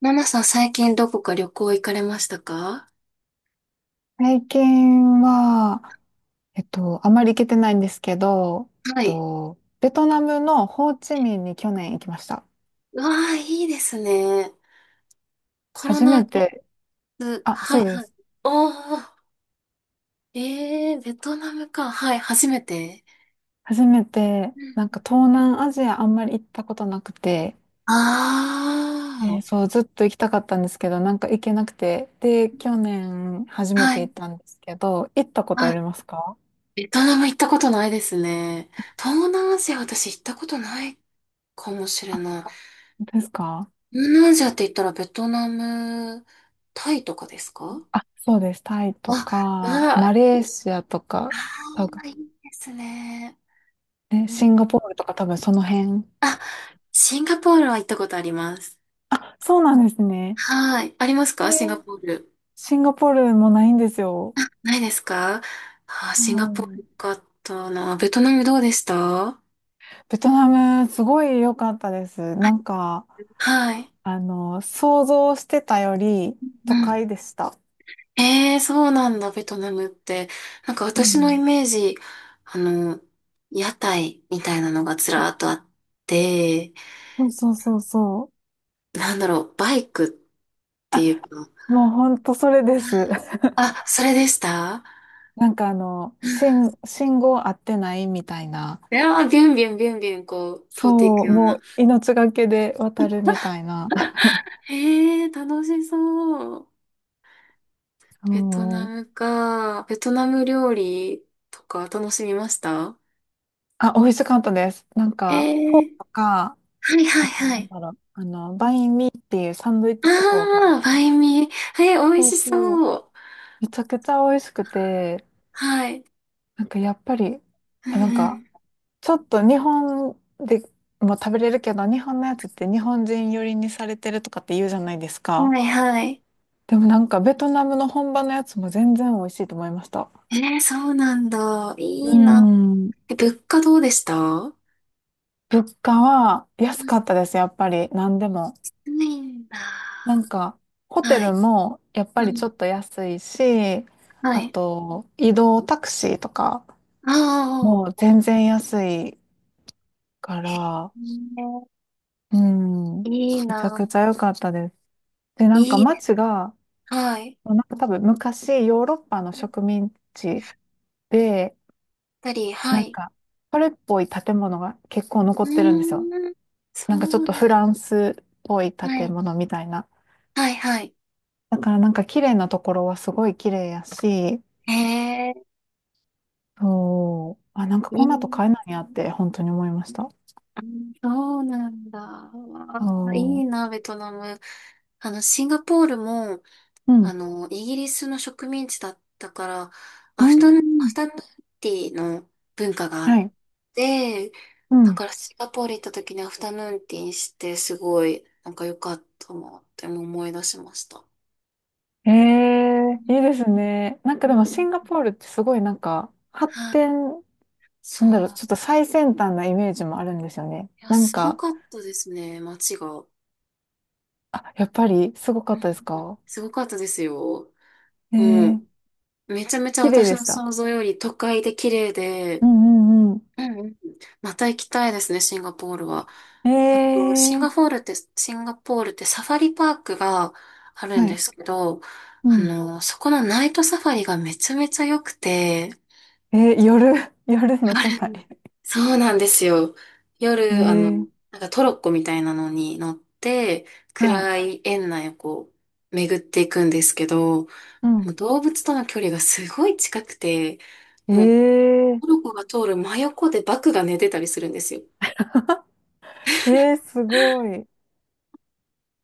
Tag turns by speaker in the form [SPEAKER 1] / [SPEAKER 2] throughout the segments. [SPEAKER 1] ナナさん、最近どこか旅行行かれましたか？
[SPEAKER 2] 最近は、あまり行けてないんですけど、
[SPEAKER 1] はい。
[SPEAKER 2] ベトナムのホーチミンに去年行きました。
[SPEAKER 1] わあ、いいですね。コロ
[SPEAKER 2] 初
[SPEAKER 1] ナ
[SPEAKER 2] め
[SPEAKER 1] 禍
[SPEAKER 2] て、
[SPEAKER 1] 末、
[SPEAKER 2] あ、
[SPEAKER 1] はい
[SPEAKER 2] そうで
[SPEAKER 1] はい。
[SPEAKER 2] す。
[SPEAKER 1] おー、えー、ベトナムか。はい、初めて。
[SPEAKER 2] 初めて、なんか東南アジアあんまり行ったことなくて、
[SPEAKER 1] あ
[SPEAKER 2] そう、ずっと行きたかったんですけど、なんか行けなくて、で、去年初
[SPEAKER 1] あー、
[SPEAKER 2] め
[SPEAKER 1] は
[SPEAKER 2] て
[SPEAKER 1] い、
[SPEAKER 2] 行ったんですけど、行ったこと
[SPEAKER 1] は
[SPEAKER 2] あり
[SPEAKER 1] い。
[SPEAKER 2] ますか？
[SPEAKER 1] ベトナム行ったことないですね。東南アジア、私行ったことないかもし
[SPEAKER 2] あ、
[SPEAKER 1] れない。
[SPEAKER 2] 本当ですか？
[SPEAKER 1] 東南アジアって言ったらベトナム、タイとかですか？
[SPEAKER 2] あ、そうです。タイと
[SPEAKER 1] あ、う
[SPEAKER 2] か、
[SPEAKER 1] わ、
[SPEAKER 2] マレー
[SPEAKER 1] い
[SPEAKER 2] シアとか、多
[SPEAKER 1] あ
[SPEAKER 2] 分
[SPEAKER 1] ー、いいですね。
[SPEAKER 2] ね、
[SPEAKER 1] い
[SPEAKER 2] シ
[SPEAKER 1] い、
[SPEAKER 2] ンガポールとか多分その辺。
[SPEAKER 1] あ、シンガポールは行ったことあります。
[SPEAKER 2] そうなんですね。
[SPEAKER 1] はい。あります
[SPEAKER 2] え
[SPEAKER 1] か、シンガ
[SPEAKER 2] ー
[SPEAKER 1] ポール。
[SPEAKER 2] シンガポールもないんですよ。
[SPEAKER 1] ないですか？あー、
[SPEAKER 2] う
[SPEAKER 1] シンガポール
[SPEAKER 2] ん。
[SPEAKER 1] よかったな。ベトナムどうでした？は
[SPEAKER 2] ベトナム、すごい良かったです。
[SPEAKER 1] い。
[SPEAKER 2] なんか、
[SPEAKER 1] はい。
[SPEAKER 2] 想像してたより
[SPEAKER 1] う
[SPEAKER 2] 都
[SPEAKER 1] ん。
[SPEAKER 2] 会でした。
[SPEAKER 1] ええー、そうなんだ、ベトナムって。なんか
[SPEAKER 2] う
[SPEAKER 1] 私のイ
[SPEAKER 2] ん。
[SPEAKER 1] メージ、あの、屋台みたいなのがずらーっとあって、
[SPEAKER 2] そうそうそうそう。
[SPEAKER 1] なんだろう、バイクっていう
[SPEAKER 2] あ、
[SPEAKER 1] か、
[SPEAKER 2] もうほんとそれです。
[SPEAKER 1] あ、それでした？
[SPEAKER 2] なんか
[SPEAKER 1] うん。
[SPEAKER 2] 信号合ってないみたいな。
[SPEAKER 1] いやー、ビュンビュンビュンビュンこう、通ってい
[SPEAKER 2] そ
[SPEAKER 1] く
[SPEAKER 2] う、
[SPEAKER 1] よう
[SPEAKER 2] も
[SPEAKER 1] な。
[SPEAKER 2] う命がけで渡るみたいな。
[SPEAKER 1] へえー、楽しそう。
[SPEAKER 2] う
[SPEAKER 1] ベトナ
[SPEAKER 2] ん。
[SPEAKER 1] ムか。ベトナム料理とか楽しみました？
[SPEAKER 2] あ、美味しかったです。なん
[SPEAKER 1] え
[SPEAKER 2] か、フォー
[SPEAKER 1] ー、
[SPEAKER 2] とか、
[SPEAKER 1] はいは
[SPEAKER 2] あ
[SPEAKER 1] い
[SPEAKER 2] と、
[SPEAKER 1] は
[SPEAKER 2] なん
[SPEAKER 1] い。
[SPEAKER 2] だろう、バインミーっていうサンドイッチとかわかり
[SPEAKER 1] ああ、バ
[SPEAKER 2] ますか？
[SPEAKER 1] インミー。えー、美味
[SPEAKER 2] そう
[SPEAKER 1] し
[SPEAKER 2] そう。
[SPEAKER 1] そう。
[SPEAKER 2] めちゃくちゃ美味しくて、
[SPEAKER 1] はい。
[SPEAKER 2] なんかやっぱり、
[SPEAKER 1] う
[SPEAKER 2] なんか、
[SPEAKER 1] ん
[SPEAKER 2] ちょっと日本でも食べれるけど、日本のやつって日本人寄りにされてるとかって言うじゃないです
[SPEAKER 1] うん。
[SPEAKER 2] か。
[SPEAKER 1] はいはい。
[SPEAKER 2] でもなんかベトナムの本場のやつも全然美味しいと思いました。
[SPEAKER 1] えー、そうなんだ。い
[SPEAKER 2] う
[SPEAKER 1] いな。
[SPEAKER 2] ん。
[SPEAKER 1] え、物価どうでした？う
[SPEAKER 2] 物価は安かっ
[SPEAKER 1] ん。
[SPEAKER 2] たです、やっぱり。何でも。
[SPEAKER 1] ないんだ。
[SPEAKER 2] なんか、ホテ
[SPEAKER 1] は
[SPEAKER 2] ル
[SPEAKER 1] い。
[SPEAKER 2] もやっぱ
[SPEAKER 1] う
[SPEAKER 2] りちょ
[SPEAKER 1] ん。
[SPEAKER 2] っと安いし、
[SPEAKER 1] は
[SPEAKER 2] あ
[SPEAKER 1] い。
[SPEAKER 2] と、移動タクシーとか
[SPEAKER 1] あ
[SPEAKER 2] も
[SPEAKER 1] あ、
[SPEAKER 2] 全然安いから、
[SPEAKER 1] へー、
[SPEAKER 2] うん、
[SPEAKER 1] いい
[SPEAKER 2] めちゃ
[SPEAKER 1] な。
[SPEAKER 2] くちゃ良かったです。で、なんか
[SPEAKER 1] いいで、
[SPEAKER 2] 街が、
[SPEAKER 1] はい。やっ
[SPEAKER 2] なんか多分昔ヨーロッパの植民地で、
[SPEAKER 1] ぱり、は
[SPEAKER 2] なん
[SPEAKER 1] い。
[SPEAKER 2] か、それっぽい建物が結構
[SPEAKER 1] う
[SPEAKER 2] 残ってるんですよ。
[SPEAKER 1] ーん。そ
[SPEAKER 2] なんかちょっ
[SPEAKER 1] う
[SPEAKER 2] と
[SPEAKER 1] な
[SPEAKER 2] フ
[SPEAKER 1] ん
[SPEAKER 2] ランスっぽい
[SPEAKER 1] だ。は
[SPEAKER 2] 建
[SPEAKER 1] い
[SPEAKER 2] 物みたいな。
[SPEAKER 1] はいはい。
[SPEAKER 2] だからなんか綺麗なところはすごい綺麗やし、
[SPEAKER 1] へえ、
[SPEAKER 2] そう。あ、なんか
[SPEAKER 1] い
[SPEAKER 2] こんなと
[SPEAKER 1] い。
[SPEAKER 2] 買えないんやって、本当に思いました。
[SPEAKER 1] あ、そうなんだ。わあ、いい
[SPEAKER 2] そ
[SPEAKER 1] な、ベトナム。あの、シンガポールも、
[SPEAKER 2] う。う
[SPEAKER 1] あ
[SPEAKER 2] ん。
[SPEAKER 1] の、イギリスの植民地だったから、ア
[SPEAKER 2] うー
[SPEAKER 1] フタヌ、アフ
[SPEAKER 2] ん。
[SPEAKER 1] タヌーンティーの文化があっ
[SPEAKER 2] はい。
[SPEAKER 1] て、
[SPEAKER 2] う
[SPEAKER 1] だ
[SPEAKER 2] ん。
[SPEAKER 1] からシンガポール行った時にアフタヌーンティーにして、すごい、なんか良かったなって思い出しました。
[SPEAKER 2] ええいいですね。なん
[SPEAKER 1] う
[SPEAKER 2] かでもシン
[SPEAKER 1] ん。
[SPEAKER 2] ガポールってすごいなんか発
[SPEAKER 1] はい、
[SPEAKER 2] 展、な
[SPEAKER 1] そ
[SPEAKER 2] んだろう、ちょっ
[SPEAKER 1] う。
[SPEAKER 2] と最先端なイメージもあるんですよね。
[SPEAKER 1] いや、
[SPEAKER 2] なん
[SPEAKER 1] すご
[SPEAKER 2] か、
[SPEAKER 1] かったですね、街が。
[SPEAKER 2] あ、やっぱりすごか
[SPEAKER 1] う
[SPEAKER 2] っ
[SPEAKER 1] ん、
[SPEAKER 2] たですか？
[SPEAKER 1] すごかったですよ。も
[SPEAKER 2] ええ
[SPEAKER 1] う、めちゃめちゃ
[SPEAKER 2] 綺麗
[SPEAKER 1] 私
[SPEAKER 2] でし
[SPEAKER 1] の
[SPEAKER 2] た。
[SPEAKER 1] 想像より都会で綺麗で、
[SPEAKER 2] うんうんうん。
[SPEAKER 1] うんうん。また行きたいですね、シンガポールは。あと、シン
[SPEAKER 2] え
[SPEAKER 1] ガポ
[SPEAKER 2] え
[SPEAKER 1] ールって、シンガポールってサファリパークがあるん
[SPEAKER 2] は
[SPEAKER 1] で
[SPEAKER 2] い。
[SPEAKER 1] すけど、
[SPEAKER 2] う
[SPEAKER 1] あ
[SPEAKER 2] ん。
[SPEAKER 1] の、そこのナイトサファリがめちゃめちゃ良くて、
[SPEAKER 2] ええ夜、夜の
[SPEAKER 1] あ
[SPEAKER 2] 備
[SPEAKER 1] れ、そうなんですよ。夜、あの、
[SPEAKER 2] え。ええ
[SPEAKER 1] なんかトロッコみたいなのに乗って、
[SPEAKER 2] はい。
[SPEAKER 1] 暗い園内をこう、巡っていくんですけど、も
[SPEAKER 2] うん。
[SPEAKER 1] う動物との距離がすごい近くて、もう、
[SPEAKER 2] ええ
[SPEAKER 1] トルコが通る真横でバクが寝てたりするんですよ。
[SPEAKER 2] えー、すごい。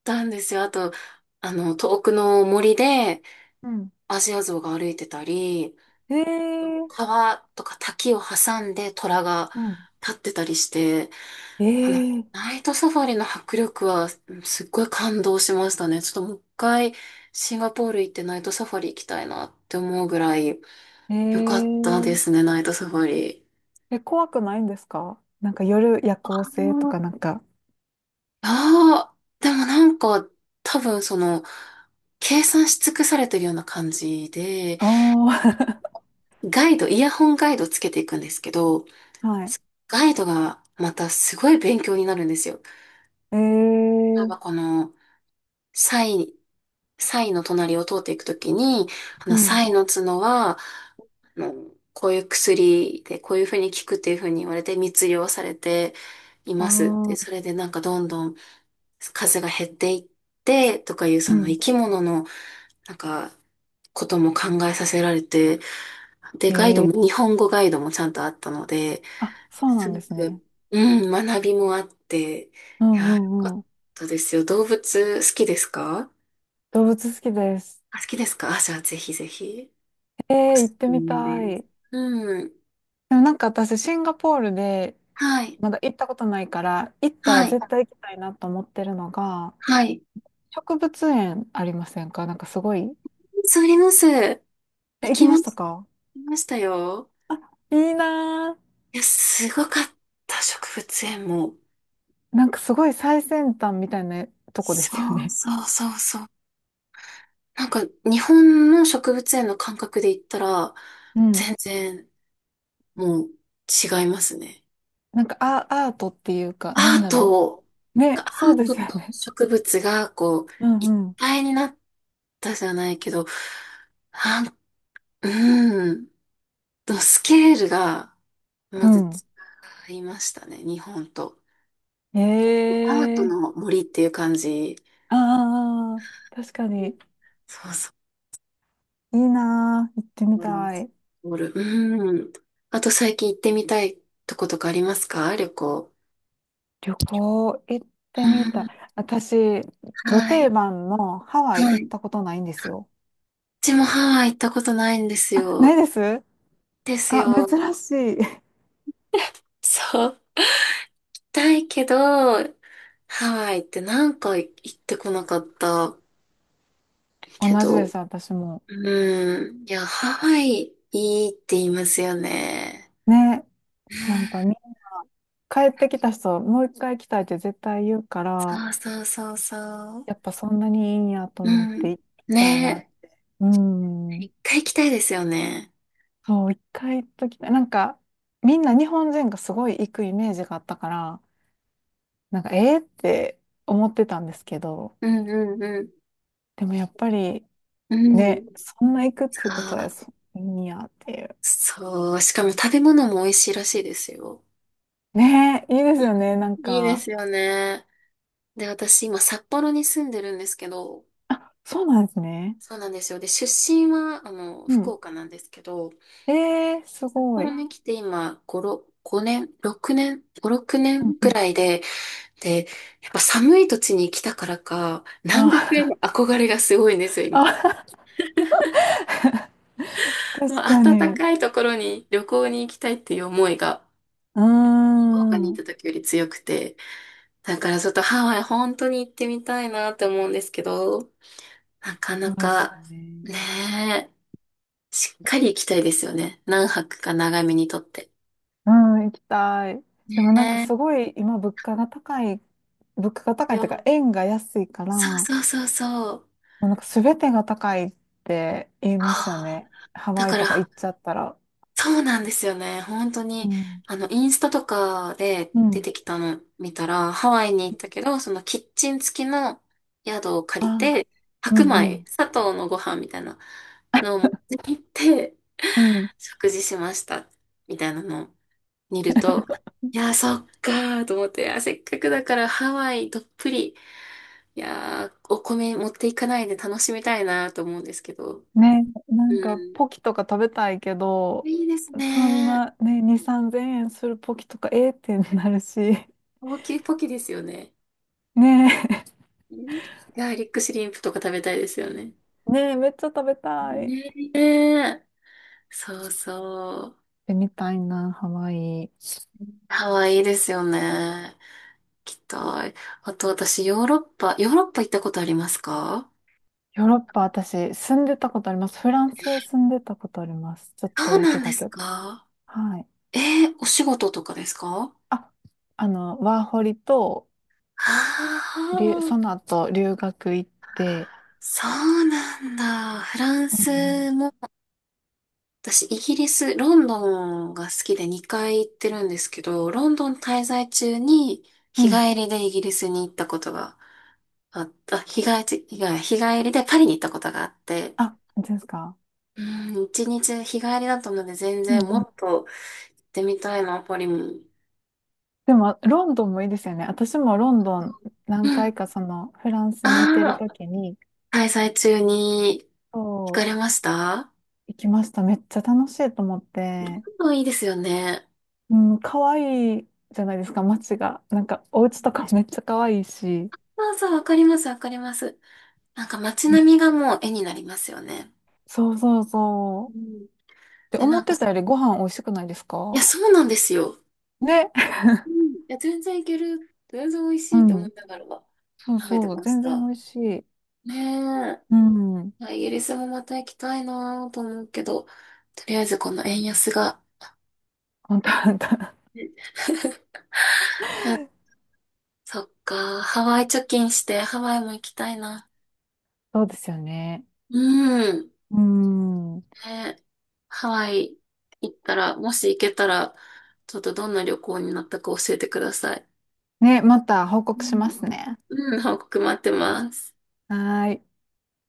[SPEAKER 1] たんですよ。あと、あの、遠くの森で
[SPEAKER 2] うん、
[SPEAKER 1] アジアゾウが歩いてたり、
[SPEAKER 2] えー、
[SPEAKER 1] 川とか滝を挟んで虎が
[SPEAKER 2] うん。
[SPEAKER 1] 立ってたりして、
[SPEAKER 2] え
[SPEAKER 1] あの、
[SPEAKER 2] ー、
[SPEAKER 1] ナイトサファリの迫力はうん、すっごい感動しましたね。ちょっともう一回シンガポール行ってナイトサファリ行きたいなって思うぐらい
[SPEAKER 2] え
[SPEAKER 1] 良かったで
[SPEAKER 2] ー、
[SPEAKER 1] すね、ナイトサファリ。
[SPEAKER 2] え、怖くないんですか？なんか夜夜行性とかなんか。
[SPEAKER 1] ああ、でもなんか、多分その、計算し尽くされてるような感じで、
[SPEAKER 2] あ
[SPEAKER 1] ガイド、イヤホンガイドつけていくんですけど、
[SPEAKER 2] あ、はい。
[SPEAKER 1] ガイドがまたすごい勉強になるんですよ。
[SPEAKER 2] え
[SPEAKER 1] 例え
[SPEAKER 2] ー、
[SPEAKER 1] ばこの、サイ、サイの隣を通っていくときに、あ
[SPEAKER 2] う
[SPEAKER 1] の、
[SPEAKER 2] ん、
[SPEAKER 1] サイの角は、あの、こういう薬で、こういうふうに効くっていうふうに言われて密漁されています。で、
[SPEAKER 2] あ
[SPEAKER 1] それ
[SPEAKER 2] あ
[SPEAKER 1] でなんかどんどん数が減っていって、とかいう
[SPEAKER 2] う
[SPEAKER 1] その生
[SPEAKER 2] ん。
[SPEAKER 1] き物のなんか、ことも考えさせられて、で、ガイド
[SPEAKER 2] えー、
[SPEAKER 1] も、日本語ガイドもちゃんとあったので、
[SPEAKER 2] あ、そうな
[SPEAKER 1] す
[SPEAKER 2] ん
[SPEAKER 1] ご
[SPEAKER 2] ですね。
[SPEAKER 1] く、うん、学びもあって、い
[SPEAKER 2] うんう
[SPEAKER 1] や、よか
[SPEAKER 2] ん
[SPEAKER 1] っ
[SPEAKER 2] うん。
[SPEAKER 1] たですよ。動物好きですか？
[SPEAKER 2] 動物好きです。
[SPEAKER 1] あ、好きですか？あ、じゃあぜひぜひ。
[SPEAKER 2] え
[SPEAKER 1] お
[SPEAKER 2] ー、
[SPEAKER 1] す
[SPEAKER 2] 行って
[SPEAKER 1] す
[SPEAKER 2] み
[SPEAKER 1] め
[SPEAKER 2] た
[SPEAKER 1] です。
[SPEAKER 2] い。
[SPEAKER 1] うん。
[SPEAKER 2] でもなんか私、シンガポールで
[SPEAKER 1] はい。
[SPEAKER 2] まだ行ったことないから、行ったら
[SPEAKER 1] はい。
[SPEAKER 2] 絶対行きたいなと思ってるのが、
[SPEAKER 1] はい。
[SPEAKER 2] 植物園ありませんか？なんかすごい、
[SPEAKER 1] そうあります。
[SPEAKER 2] え、
[SPEAKER 1] 行
[SPEAKER 2] 行き
[SPEAKER 1] き
[SPEAKER 2] ま
[SPEAKER 1] ま
[SPEAKER 2] した
[SPEAKER 1] し、
[SPEAKER 2] か？
[SPEAKER 1] 行きましたよ。
[SPEAKER 2] いいな
[SPEAKER 1] いや、すごかった、植物園も。
[SPEAKER 2] ー。なんかすごい最先端みたいなとこで
[SPEAKER 1] そ
[SPEAKER 2] すよ
[SPEAKER 1] う
[SPEAKER 2] ね。
[SPEAKER 1] そうそうそう。なんか日本の植物園の感覚で言ったら、
[SPEAKER 2] うん。
[SPEAKER 1] 全然もう違いますね。
[SPEAKER 2] なんかアートっていうか、な
[SPEAKER 1] ア
[SPEAKER 2] ん
[SPEAKER 1] ー
[SPEAKER 2] だろ
[SPEAKER 1] ト
[SPEAKER 2] う。
[SPEAKER 1] が、
[SPEAKER 2] ね、
[SPEAKER 1] ア
[SPEAKER 2] そう
[SPEAKER 1] ー
[SPEAKER 2] で
[SPEAKER 1] ト
[SPEAKER 2] すよ
[SPEAKER 1] と
[SPEAKER 2] ね。
[SPEAKER 1] 植物がこう
[SPEAKER 2] う
[SPEAKER 1] 一
[SPEAKER 2] んうん。
[SPEAKER 1] 体になったじゃないけど、なん、うん、のスケールがまず
[SPEAKER 2] う
[SPEAKER 1] 違いましたね、日本と。
[SPEAKER 2] ん。
[SPEAKER 1] アー
[SPEAKER 2] え
[SPEAKER 1] ト
[SPEAKER 2] ー。
[SPEAKER 1] の森っていう感じ。
[SPEAKER 2] ああ、確かに。
[SPEAKER 1] そうそ
[SPEAKER 2] いいなー。行ってみ
[SPEAKER 1] う。
[SPEAKER 2] たい。
[SPEAKER 1] オる。ルうん。あと最近行ってみたいとことかありますか、旅行。
[SPEAKER 2] 旅行行っ
[SPEAKER 1] う
[SPEAKER 2] てみたい。
[SPEAKER 1] ん。
[SPEAKER 2] 私、ド
[SPEAKER 1] は
[SPEAKER 2] 定
[SPEAKER 1] い。
[SPEAKER 2] 番のハワイ
[SPEAKER 1] は
[SPEAKER 2] 行
[SPEAKER 1] い。
[SPEAKER 2] っ
[SPEAKER 1] う
[SPEAKER 2] たことないんですよ。
[SPEAKER 1] ちもハワイ行ったことないんです
[SPEAKER 2] あ、な
[SPEAKER 1] よ。
[SPEAKER 2] いです
[SPEAKER 1] です
[SPEAKER 2] あ、
[SPEAKER 1] よ。
[SPEAKER 2] 珍しい。
[SPEAKER 1] そう。だいけど、ハワイってなんか行ってこなかった
[SPEAKER 2] 同
[SPEAKER 1] け
[SPEAKER 2] じで
[SPEAKER 1] ど。
[SPEAKER 2] す、私も。
[SPEAKER 1] うん。いや、ハワイいいって言いますよね。
[SPEAKER 2] ね、
[SPEAKER 1] う
[SPEAKER 2] なんかみん
[SPEAKER 1] ん。
[SPEAKER 2] な帰ってきた人、もう一回来たいって絶対言うか
[SPEAKER 1] そう
[SPEAKER 2] ら、
[SPEAKER 1] そうそうそう。
[SPEAKER 2] やっぱそんなにいいんやと
[SPEAKER 1] う
[SPEAKER 2] 思っ
[SPEAKER 1] ん。
[SPEAKER 2] て行きたいなっ
[SPEAKER 1] ね
[SPEAKER 2] て。う
[SPEAKER 1] え。
[SPEAKER 2] ん。
[SPEAKER 1] 一回行きたいですよね。
[SPEAKER 2] そう、一回行っときたい。なんか、みんな日本人がすごい行くイメージがあったから、なんか、えーって思ってたんですけど、
[SPEAKER 1] うんうんうん。
[SPEAKER 2] でもやっぱり、
[SPEAKER 1] うん。
[SPEAKER 2] ね、そんな行くっ
[SPEAKER 1] さ
[SPEAKER 2] ていうこと
[SPEAKER 1] あ、
[SPEAKER 2] は、そいいんやっていう。
[SPEAKER 1] そう。しかも食べ物も美味しいらしいですよ。
[SPEAKER 2] ね、いいです
[SPEAKER 1] う
[SPEAKER 2] よね、なん
[SPEAKER 1] ん、いいで
[SPEAKER 2] か。
[SPEAKER 1] すよね。で、私今札幌に住んでるんですけど、
[SPEAKER 2] あ、そうなんですね。
[SPEAKER 1] そうなんですよ。で、出身は、あの、
[SPEAKER 2] う
[SPEAKER 1] 福
[SPEAKER 2] ん
[SPEAKER 1] 岡なんですけど、
[SPEAKER 2] えー、す
[SPEAKER 1] 札
[SPEAKER 2] ごい。
[SPEAKER 1] 幌
[SPEAKER 2] う
[SPEAKER 1] に来て今、5、6、5年、6年、5、6
[SPEAKER 2] ん
[SPEAKER 1] 年
[SPEAKER 2] う
[SPEAKER 1] く
[SPEAKER 2] ん
[SPEAKER 1] らいで、で、やっぱ寒い土地に来たからか、南国へ
[SPEAKER 2] あ、
[SPEAKER 1] の憧れがすごいんですよ、今。
[SPEAKER 2] あ、
[SPEAKER 1] も
[SPEAKER 2] 確か
[SPEAKER 1] う暖
[SPEAKER 2] に。
[SPEAKER 1] かいところに旅行に行きたいっていう思いが、
[SPEAKER 2] うー
[SPEAKER 1] 福岡に行っ
[SPEAKER 2] ん。
[SPEAKER 1] た時より強くて、だからちょっとハワイ本当に行ってみたいなって思うんですけど、なか
[SPEAKER 2] そ
[SPEAKER 1] な
[SPEAKER 2] うですよ
[SPEAKER 1] か、
[SPEAKER 2] ね。
[SPEAKER 1] ねえ。しっかり行きたいですよね。何泊か長めにとって。
[SPEAKER 2] うん、行きたい。でもなんか
[SPEAKER 1] ね
[SPEAKER 2] すごい今物価が高い、物価が
[SPEAKER 1] え。
[SPEAKER 2] 高いっていうか
[SPEAKER 1] よ、
[SPEAKER 2] 円が安いから、
[SPEAKER 1] そう
[SPEAKER 2] も
[SPEAKER 1] そうそうそう。
[SPEAKER 2] うなんか全てが高いって言いますよ
[SPEAKER 1] はあ、
[SPEAKER 2] ね。ハ
[SPEAKER 1] だ
[SPEAKER 2] ワイ
[SPEAKER 1] か
[SPEAKER 2] とか
[SPEAKER 1] ら、
[SPEAKER 2] 行っちゃったら。
[SPEAKER 1] そうなんですよね。本当
[SPEAKER 2] う
[SPEAKER 1] に、
[SPEAKER 2] ん
[SPEAKER 1] あの、インスタとかで
[SPEAKER 2] う
[SPEAKER 1] 出
[SPEAKER 2] ん。
[SPEAKER 1] てきたの見たら、ハワイに行ったけど、そのキッチン付きの宿を借り
[SPEAKER 2] あ、
[SPEAKER 1] て、
[SPEAKER 2] う
[SPEAKER 1] 白
[SPEAKER 2] んう
[SPEAKER 1] 米、
[SPEAKER 2] ん。
[SPEAKER 1] 砂糖のご飯みたいなのを持って行って、
[SPEAKER 2] うん
[SPEAKER 1] 食事しました。みたいなのを見ると、いや、そっかーと思って、あ、せっかくだからハワイどっぷり、いやー、お米持っていかないで楽しみたいなと思うんですけど。
[SPEAKER 2] ね、なん
[SPEAKER 1] う
[SPEAKER 2] か
[SPEAKER 1] ん。
[SPEAKER 2] ポキとか食べたいけど、
[SPEAKER 1] いいです
[SPEAKER 2] そん
[SPEAKER 1] ね。
[SPEAKER 2] なね、2、3000円するポキとか、ええってなるし、
[SPEAKER 1] 高級ポキですよね。
[SPEAKER 2] ね
[SPEAKER 1] うん、ガーリックシュリンプとか食べたいですよね。
[SPEAKER 2] え、ねえ、めっちゃ食べたい。
[SPEAKER 1] ねえ。そうそ
[SPEAKER 2] で、みたいな、ハワイ。
[SPEAKER 1] う。ハワイいいですよね。行きっと。あと私、ヨーロッパ行ったことありますか？
[SPEAKER 2] ヨーロッパ、私、住んでたことあります。フランス住んでたことあります。ちょっと
[SPEAKER 1] そう
[SPEAKER 2] だ
[SPEAKER 1] な
[SPEAKER 2] け
[SPEAKER 1] んで
[SPEAKER 2] だ
[SPEAKER 1] す
[SPEAKER 2] けど。
[SPEAKER 1] か？
[SPEAKER 2] はい。
[SPEAKER 1] えー、お仕事とかですか？
[SPEAKER 2] あ、ワーホリと、
[SPEAKER 1] ああー、
[SPEAKER 2] その後、留学行って、
[SPEAKER 1] そうなんだ。フラン
[SPEAKER 2] うん。
[SPEAKER 1] スも私、イギリス、ロンドンが好きで2回行ってるんですけど、ロンドン滞在中に
[SPEAKER 2] う
[SPEAKER 1] 日
[SPEAKER 2] ん
[SPEAKER 1] 帰りでイギリスに行ったことがあった、あ日帰りでパリに行ったことがあって、
[SPEAKER 2] あ、本当ですか？
[SPEAKER 1] うん、一日日帰りだったので全
[SPEAKER 2] う
[SPEAKER 1] 然も
[SPEAKER 2] ん
[SPEAKER 1] っと行ってみたいな、パリも。
[SPEAKER 2] でも、ロンドンもいいですよね。私もロンドン
[SPEAKER 1] う
[SPEAKER 2] 何回
[SPEAKER 1] ん。
[SPEAKER 2] かそのフランスに行ってる
[SPEAKER 1] ああ、
[SPEAKER 2] 時に、
[SPEAKER 1] 滞在中に行か
[SPEAKER 2] そう、
[SPEAKER 1] れました？
[SPEAKER 2] 行きました。めっちゃ楽しいと思って、
[SPEAKER 1] もういいですよね。
[SPEAKER 2] うん、可愛いじゃないですか、街が。なんか、お家とかめっちゃ可愛いし。
[SPEAKER 1] そうそう、わかります、わかります。なんか街
[SPEAKER 2] ね。
[SPEAKER 1] 並みがもう絵になりますよね。
[SPEAKER 2] そうそう
[SPEAKER 1] う
[SPEAKER 2] そう。
[SPEAKER 1] ん。
[SPEAKER 2] で、
[SPEAKER 1] で、
[SPEAKER 2] 思
[SPEAKER 1] な
[SPEAKER 2] っ
[SPEAKER 1] んか、
[SPEAKER 2] てたよりご飯美味しくないです
[SPEAKER 1] いや、
[SPEAKER 2] か？
[SPEAKER 1] そうなんですよ。
[SPEAKER 2] ね。
[SPEAKER 1] うん。いや、全然いける。全然美味し
[SPEAKER 2] う
[SPEAKER 1] いと思
[SPEAKER 2] ん。
[SPEAKER 1] いながら
[SPEAKER 2] そう
[SPEAKER 1] 食べて
[SPEAKER 2] そう。
[SPEAKER 1] まし
[SPEAKER 2] 全然美
[SPEAKER 1] た。
[SPEAKER 2] 味しい。
[SPEAKER 1] ね
[SPEAKER 2] うん。
[SPEAKER 1] え。いや、イギリスもまた行きたいなと思うけど、とりあえずこの円安が。
[SPEAKER 2] 本当本当。
[SPEAKER 1] ね いや、そっか。ハワイ貯金してハワイも行きたいな。
[SPEAKER 2] そうですよね。
[SPEAKER 1] うん。
[SPEAKER 2] うん。
[SPEAKER 1] ねえ、ハワイ行ったら、もし行けたら、ちょっとどんな旅行になったか教えてください。
[SPEAKER 2] ね、また報
[SPEAKER 1] う
[SPEAKER 2] 告しま
[SPEAKER 1] ん。
[SPEAKER 2] すね。
[SPEAKER 1] うん、報告待ってます。
[SPEAKER 2] はーい。